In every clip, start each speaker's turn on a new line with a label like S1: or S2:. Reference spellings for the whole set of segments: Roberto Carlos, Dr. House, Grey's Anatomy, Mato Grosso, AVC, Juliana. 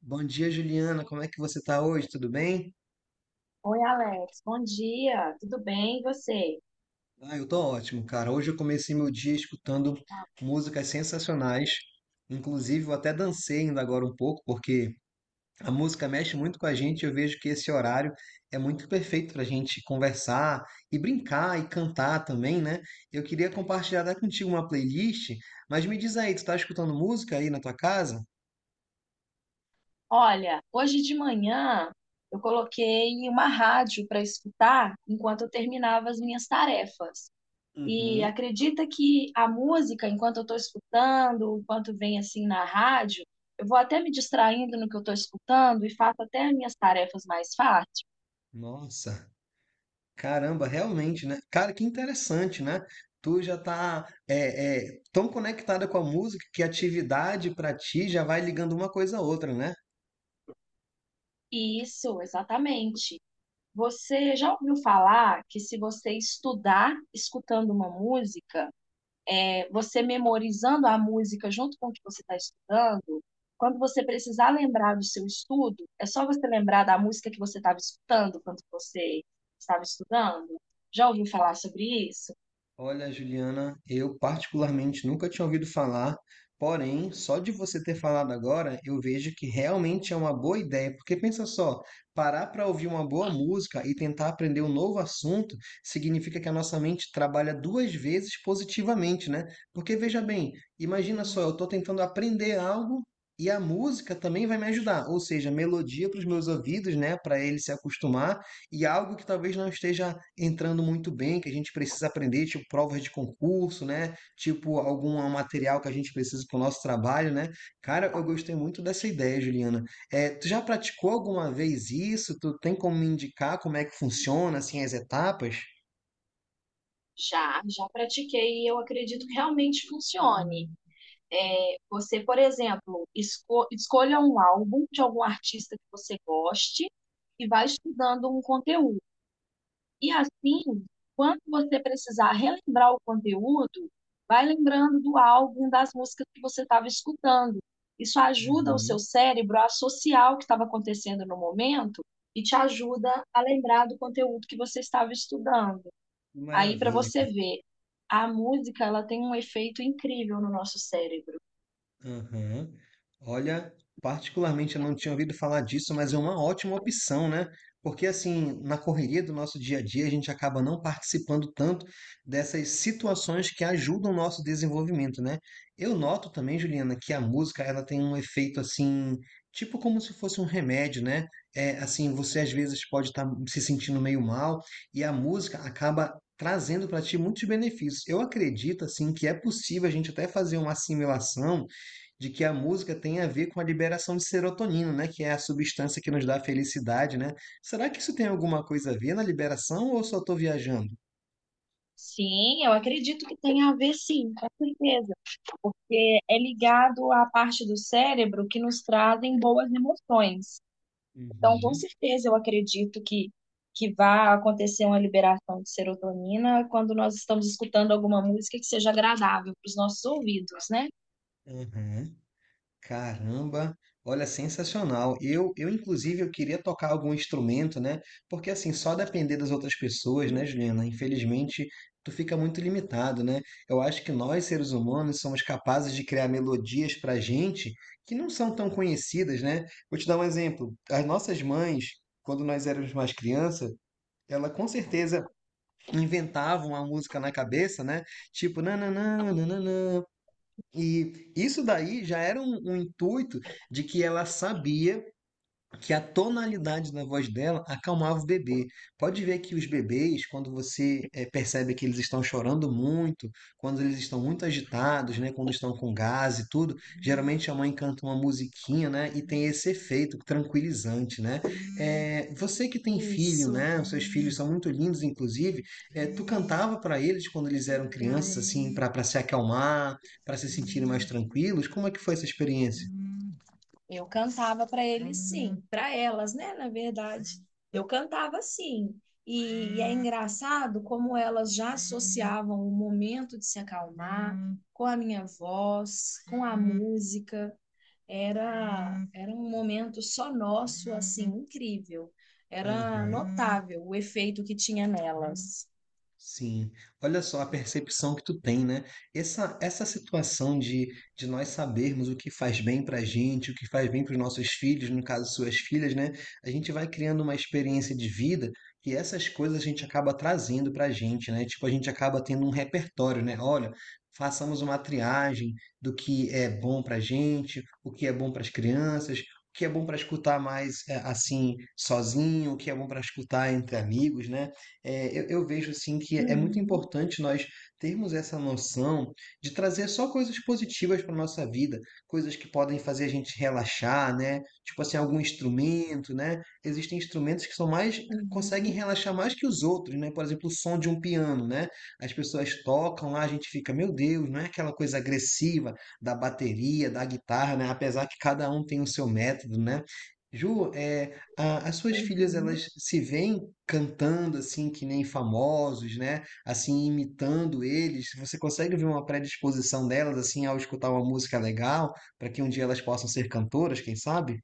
S1: Bom dia, Juliana. Como é que você tá hoje? Tudo bem?
S2: Oi, Alex. Bom dia. Tudo bem? E você?
S1: Eu tô ótimo, cara. Hoje eu comecei meu dia escutando músicas sensacionais. Inclusive, eu até dancei ainda agora um pouco, porque a música mexe muito com a gente. Eu vejo que esse horário é muito perfeito pra gente conversar e brincar e cantar também, né? Eu queria compartilhar até contigo uma playlist, mas me diz aí, tu tá escutando música aí na tua casa?
S2: Olha, hoje de manhã eu coloquei uma rádio para escutar enquanto eu terminava as minhas tarefas. E
S1: Uhum.
S2: acredita que a música, enquanto eu estou escutando, enquanto vem assim na rádio, eu vou até me distraindo no que eu estou escutando e faço até as minhas tarefas mais fáceis.
S1: Nossa. Caramba, realmente, né? Cara, que interessante, né? Tu já tá tão conectada com a música que a atividade pra ti já vai ligando uma coisa a outra, né?
S2: Isso, exatamente. Você já ouviu falar que se você estudar escutando uma música, você memorizando a música junto com o que você está estudando, quando você precisar lembrar do seu estudo, é só você lembrar da música que você estava escutando quando você estava estudando. Já ouviu falar sobre isso?
S1: Olha, Juliana, eu particularmente nunca tinha ouvido falar, porém, só de você ter falado agora, eu vejo que realmente é uma boa ideia, porque pensa só, parar para ouvir uma boa música e tentar aprender um novo assunto significa que a nossa mente trabalha duas vezes positivamente, né? Porque veja bem, imagina só, eu estou tentando aprender algo e a música também vai me ajudar, ou seja, melodia para os meus ouvidos, né, para ele se acostumar e algo que talvez não esteja entrando muito bem, que a gente precisa aprender, tipo provas de concurso, né? Tipo algum material que a gente precisa para o nosso trabalho, né? Cara, eu gostei muito dessa ideia, Juliana. É, tu já praticou alguma vez isso? Tu tem como me indicar como é que funciona, assim, as etapas?
S2: Já, já pratiquei e eu acredito que realmente funcione. É, você, por exemplo, escolha um álbum de algum artista que você goste e vai estudando um conteúdo. E assim, quando você precisar relembrar o conteúdo, vai lembrando do álbum, das músicas que você estava escutando. Isso ajuda o
S1: Uhum,
S2: seu cérebro a associar o que estava acontecendo no momento e te ajuda a lembrar do conteúdo que você estava estudando.
S1: que
S2: Aí, para
S1: maravilha.
S2: você ver, a música ela tem um efeito incrível no nosso cérebro.
S1: Aham. Olha, particularmente eu não tinha ouvido falar disso, mas é uma ótima opção, né? Porque assim, na correria do nosso dia a dia, a gente acaba não participando tanto dessas situações que ajudam o nosso desenvolvimento, né? Eu noto também, Juliana, que a música, ela tem um efeito assim, tipo como se fosse um remédio, né? É, assim, você às vezes pode estar se sentindo meio mal e a música acaba trazendo para ti muitos benefícios. Eu acredito assim que é possível a gente até fazer uma assimilação de que a música tem a ver com a liberação de serotonina, né? Que é a substância que nos dá felicidade, né? Será que isso tem alguma coisa a ver na liberação ou eu só estou viajando?
S2: Sim, eu acredito que tem a ver, sim, com certeza, porque é ligado à parte do cérebro que nos trazem boas emoções. Então, com
S1: Uhum.
S2: certeza, eu acredito que vai acontecer uma liberação de serotonina quando nós estamos escutando alguma música que seja agradável para os nossos ouvidos, né?
S1: Aham. Caramba, olha, sensacional. Eu inclusive, eu queria tocar algum instrumento, né? Porque assim, só depender das outras pessoas, né, Juliana? Infelizmente, tu fica muito limitado, né? Eu acho que nós, seres humanos, somos capazes de criar melodias pra gente que não são tão conhecidas, né? Vou te dar um exemplo. As nossas mães, quando nós éramos mais criança, ela com certeza inventava uma música na cabeça, né? Tipo, nananã, nananã, e isso daí já era um intuito de que ela sabia que a tonalidade da voz dela acalmava o bebê. Pode ver que os bebês, quando você percebe que eles estão chorando muito, quando eles estão muito agitados, né, quando estão com gás e tudo, geralmente a mãe canta uma musiquinha, né, e tem esse efeito tranquilizante, né? Você que tem filho,
S2: Isso.
S1: né, os seus filhos são muito lindos, inclusive, tu cantava para eles quando eles eram
S2: Obrigada.
S1: crianças, assim, para se acalmar, para se sentirem mais tranquilos. Como é que foi essa experiência?
S2: Eu cantava para eles, sim, para elas, né? Na verdade, eu cantava sim. E é engraçado como elas já associavam o momento de se acalmar com a minha voz, com a música. Era, era um momento só nosso, assim, incrível. Era
S1: Uhum.
S2: notável o efeito que tinha nelas.
S1: Sim, olha só a percepção que tu tem, né? Essa situação de nós sabermos o que faz bem pra gente, o que faz bem para os nossos filhos, no caso, suas filhas, né? A gente vai criando uma experiência de vida que essas coisas a gente acaba trazendo pra gente, né? Tipo, a gente acaba tendo um repertório, né? Olha, façamos uma triagem do que é bom pra gente, o que é bom para as crianças. O que é bom para escutar mais assim sozinho, o que é bom para escutar entre amigos, né? É, eu vejo assim que é muito
S2: Uhum,
S1: importante nós termos essa noção de trazer só coisas positivas para nossa vida, coisas que podem fazer a gente relaxar, né? Tipo assim, algum instrumento, né? Existem instrumentos que são mais conseguem
S2: uhum,
S1: relaxar mais que os outros, né? Por exemplo, o som de um piano, né? As pessoas tocam lá, a gente fica, meu Deus, não é aquela coisa agressiva da bateria, da guitarra, né? Apesar que cada um tem o seu método, né? Ju, é, as suas filhas,
S2: uhum.
S1: elas se veem cantando assim que nem famosos, né? Assim, imitando eles. Você consegue ver uma predisposição delas assim ao escutar uma música legal, para que um dia elas possam ser cantoras, quem sabe?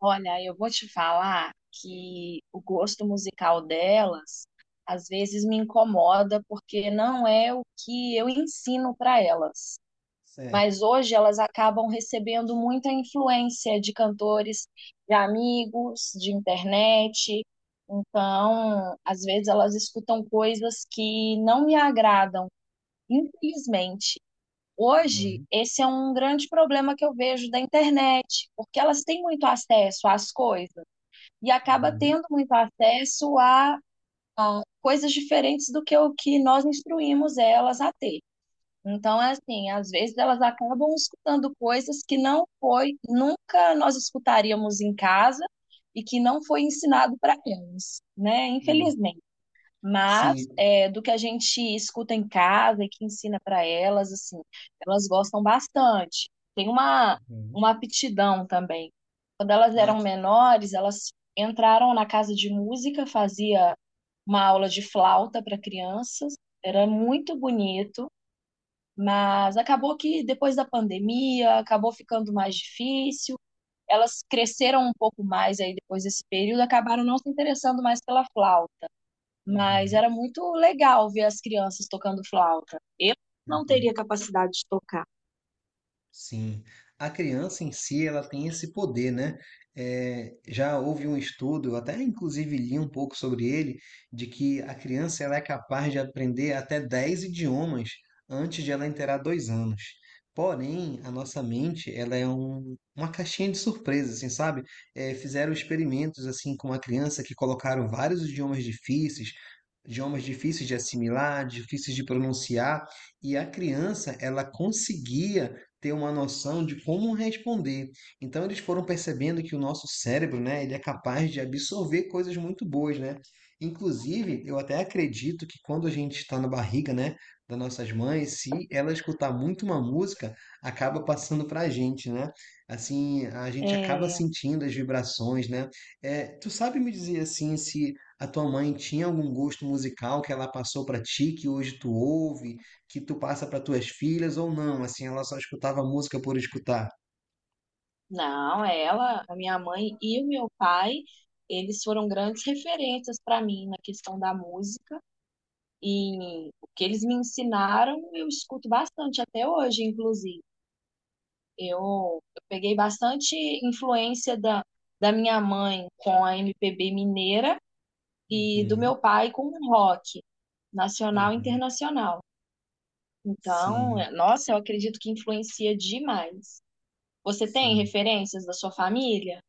S2: Olha, eu vou te falar que o gosto musical delas às vezes me incomoda porque não é o que eu ensino para elas.
S1: Certo.
S2: Mas hoje elas acabam recebendo muita influência de cantores, de amigos, de internet. Então, às vezes elas escutam coisas que não me agradam, infelizmente. Hoje,
S1: Uhum.
S2: esse é um grande problema que eu vejo da internet, porque elas têm muito acesso às coisas e acaba
S1: Uhum.
S2: tendo muito acesso a coisas diferentes do que o que nós instruímos elas a ter. Então, é assim, às vezes elas acabam escutando coisas que não foi, nunca nós escutaríamos em casa e que não foi ensinado para elas, né?
S1: Sim.
S2: Infelizmente. Mas
S1: Sim.
S2: é, do que a gente escuta em casa e que ensina para elas, assim, elas gostam bastante. Tem uma,
S1: Uhum.
S2: uma aptidão também. Quando elas
S1: Ah,
S2: eram
S1: que-
S2: menores, elas entraram na casa de música, fazia uma aula de flauta para crianças, era muito bonito, mas acabou que depois da pandemia, acabou ficando mais difícil. Elas cresceram um pouco mais aí depois desse período, acabaram não se interessando mais pela flauta. Mas
S1: uhum.
S2: era muito legal ver as crianças tocando flauta. Eu não
S1: Uhum.
S2: teria capacidade de tocar.
S1: Sim, a criança em si ela tem esse poder, né? É, já houve um estudo, eu até inclusive li um pouco sobre ele, de que a criança ela é capaz de aprender até 10 idiomas antes de ela inteirar 2 anos. Porém, a nossa mente ela é uma caixinha de surpresas, assim, sabe? É, fizeram experimentos assim com uma criança que colocaram vários idiomas difíceis de assimilar, difíceis de pronunciar, e a criança ela conseguia ter uma noção de como responder. Então eles foram percebendo que o nosso cérebro, né, ele é capaz de absorver coisas muito boas, né? Inclusive, eu até acredito que quando a gente está na barriga, né, das nossas mães, se ela escutar muito uma música, acaba passando para a gente, né? Assim, a gente acaba
S2: É,
S1: sentindo as vibrações, né? É, tu sabe me dizer assim se a tua mãe tinha algum gosto musical que ela passou para ti que hoje tu ouve? Que tu passa para tuas filhas ou não, assim, ela só escutava música por escutar.
S2: não, ela, a minha mãe e o meu pai, eles foram grandes referências para mim na questão da música. E o que eles me ensinaram, eu escuto bastante até hoje, inclusive. Eu, eu peguei bastante influência da minha mãe com a MPB mineira e do
S1: Uhum,
S2: meu pai com o rock nacional e
S1: uhum.
S2: internacional. Então,
S1: Sim,
S2: nossa, eu acredito que influencia demais. Você tem
S1: sim.
S2: referências da sua família?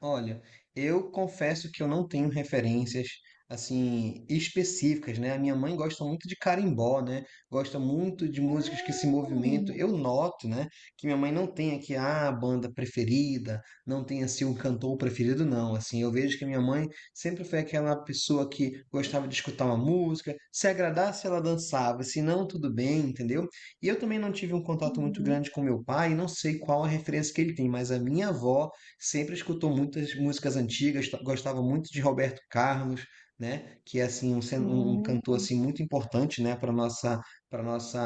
S1: Olha, eu confesso que eu não tenho referências assim específicas, né? A minha mãe gosta muito de carimbó, né? Gosta muito de músicas que se movimentam.
S2: Hum,
S1: Eu noto, né, que minha mãe não tem aqui a banda preferida, não tem assim um cantor preferido, não. Assim, eu vejo que minha mãe sempre foi aquela pessoa que gostava de escutar uma música, se agradasse ela dançava, se não tudo bem, entendeu? E eu também não tive um contato muito
S2: uhum,
S1: grande com meu pai, não sei qual a referência que ele tem, mas a minha avó sempre escutou muitas músicas antigas, gostava muito de Roberto Carlos, né? Que é assim um cantor
S2: hum,
S1: assim muito importante, né? Para nossa, para nossa,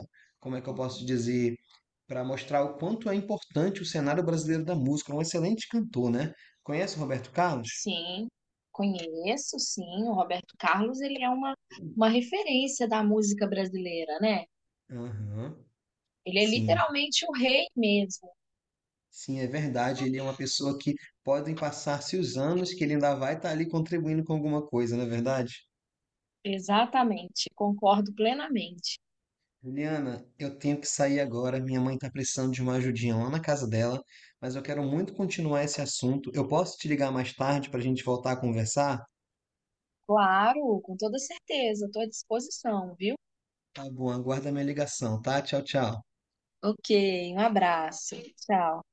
S1: a- como é que eu posso dizer? Para mostrar o quanto é importante o cenário brasileiro da música. Um excelente cantor, né? Conhece o Roberto Carlos?
S2: sim, conheço, sim. O Roberto Carlos, ele é uma referência da música brasileira, né?
S1: Aham.
S2: Ele é
S1: Sim,
S2: literalmente o rei mesmo.
S1: sim, é verdade. Ele é uma pessoa que podem passar-se os anos que ele ainda vai estar ali contribuindo com alguma coisa, não é verdade?
S2: Exatamente, concordo plenamente.
S1: Juliana, eu tenho que sair agora. Minha mãe está precisando de uma ajudinha lá na casa dela, mas eu quero muito continuar esse assunto. Eu posso te ligar mais tarde para a gente voltar a conversar?
S2: Claro, com toda certeza, estou à disposição, viu?
S1: Tá bom, aguarda minha ligação, tá? Tchau, tchau.
S2: Ok, um abraço. Tchau.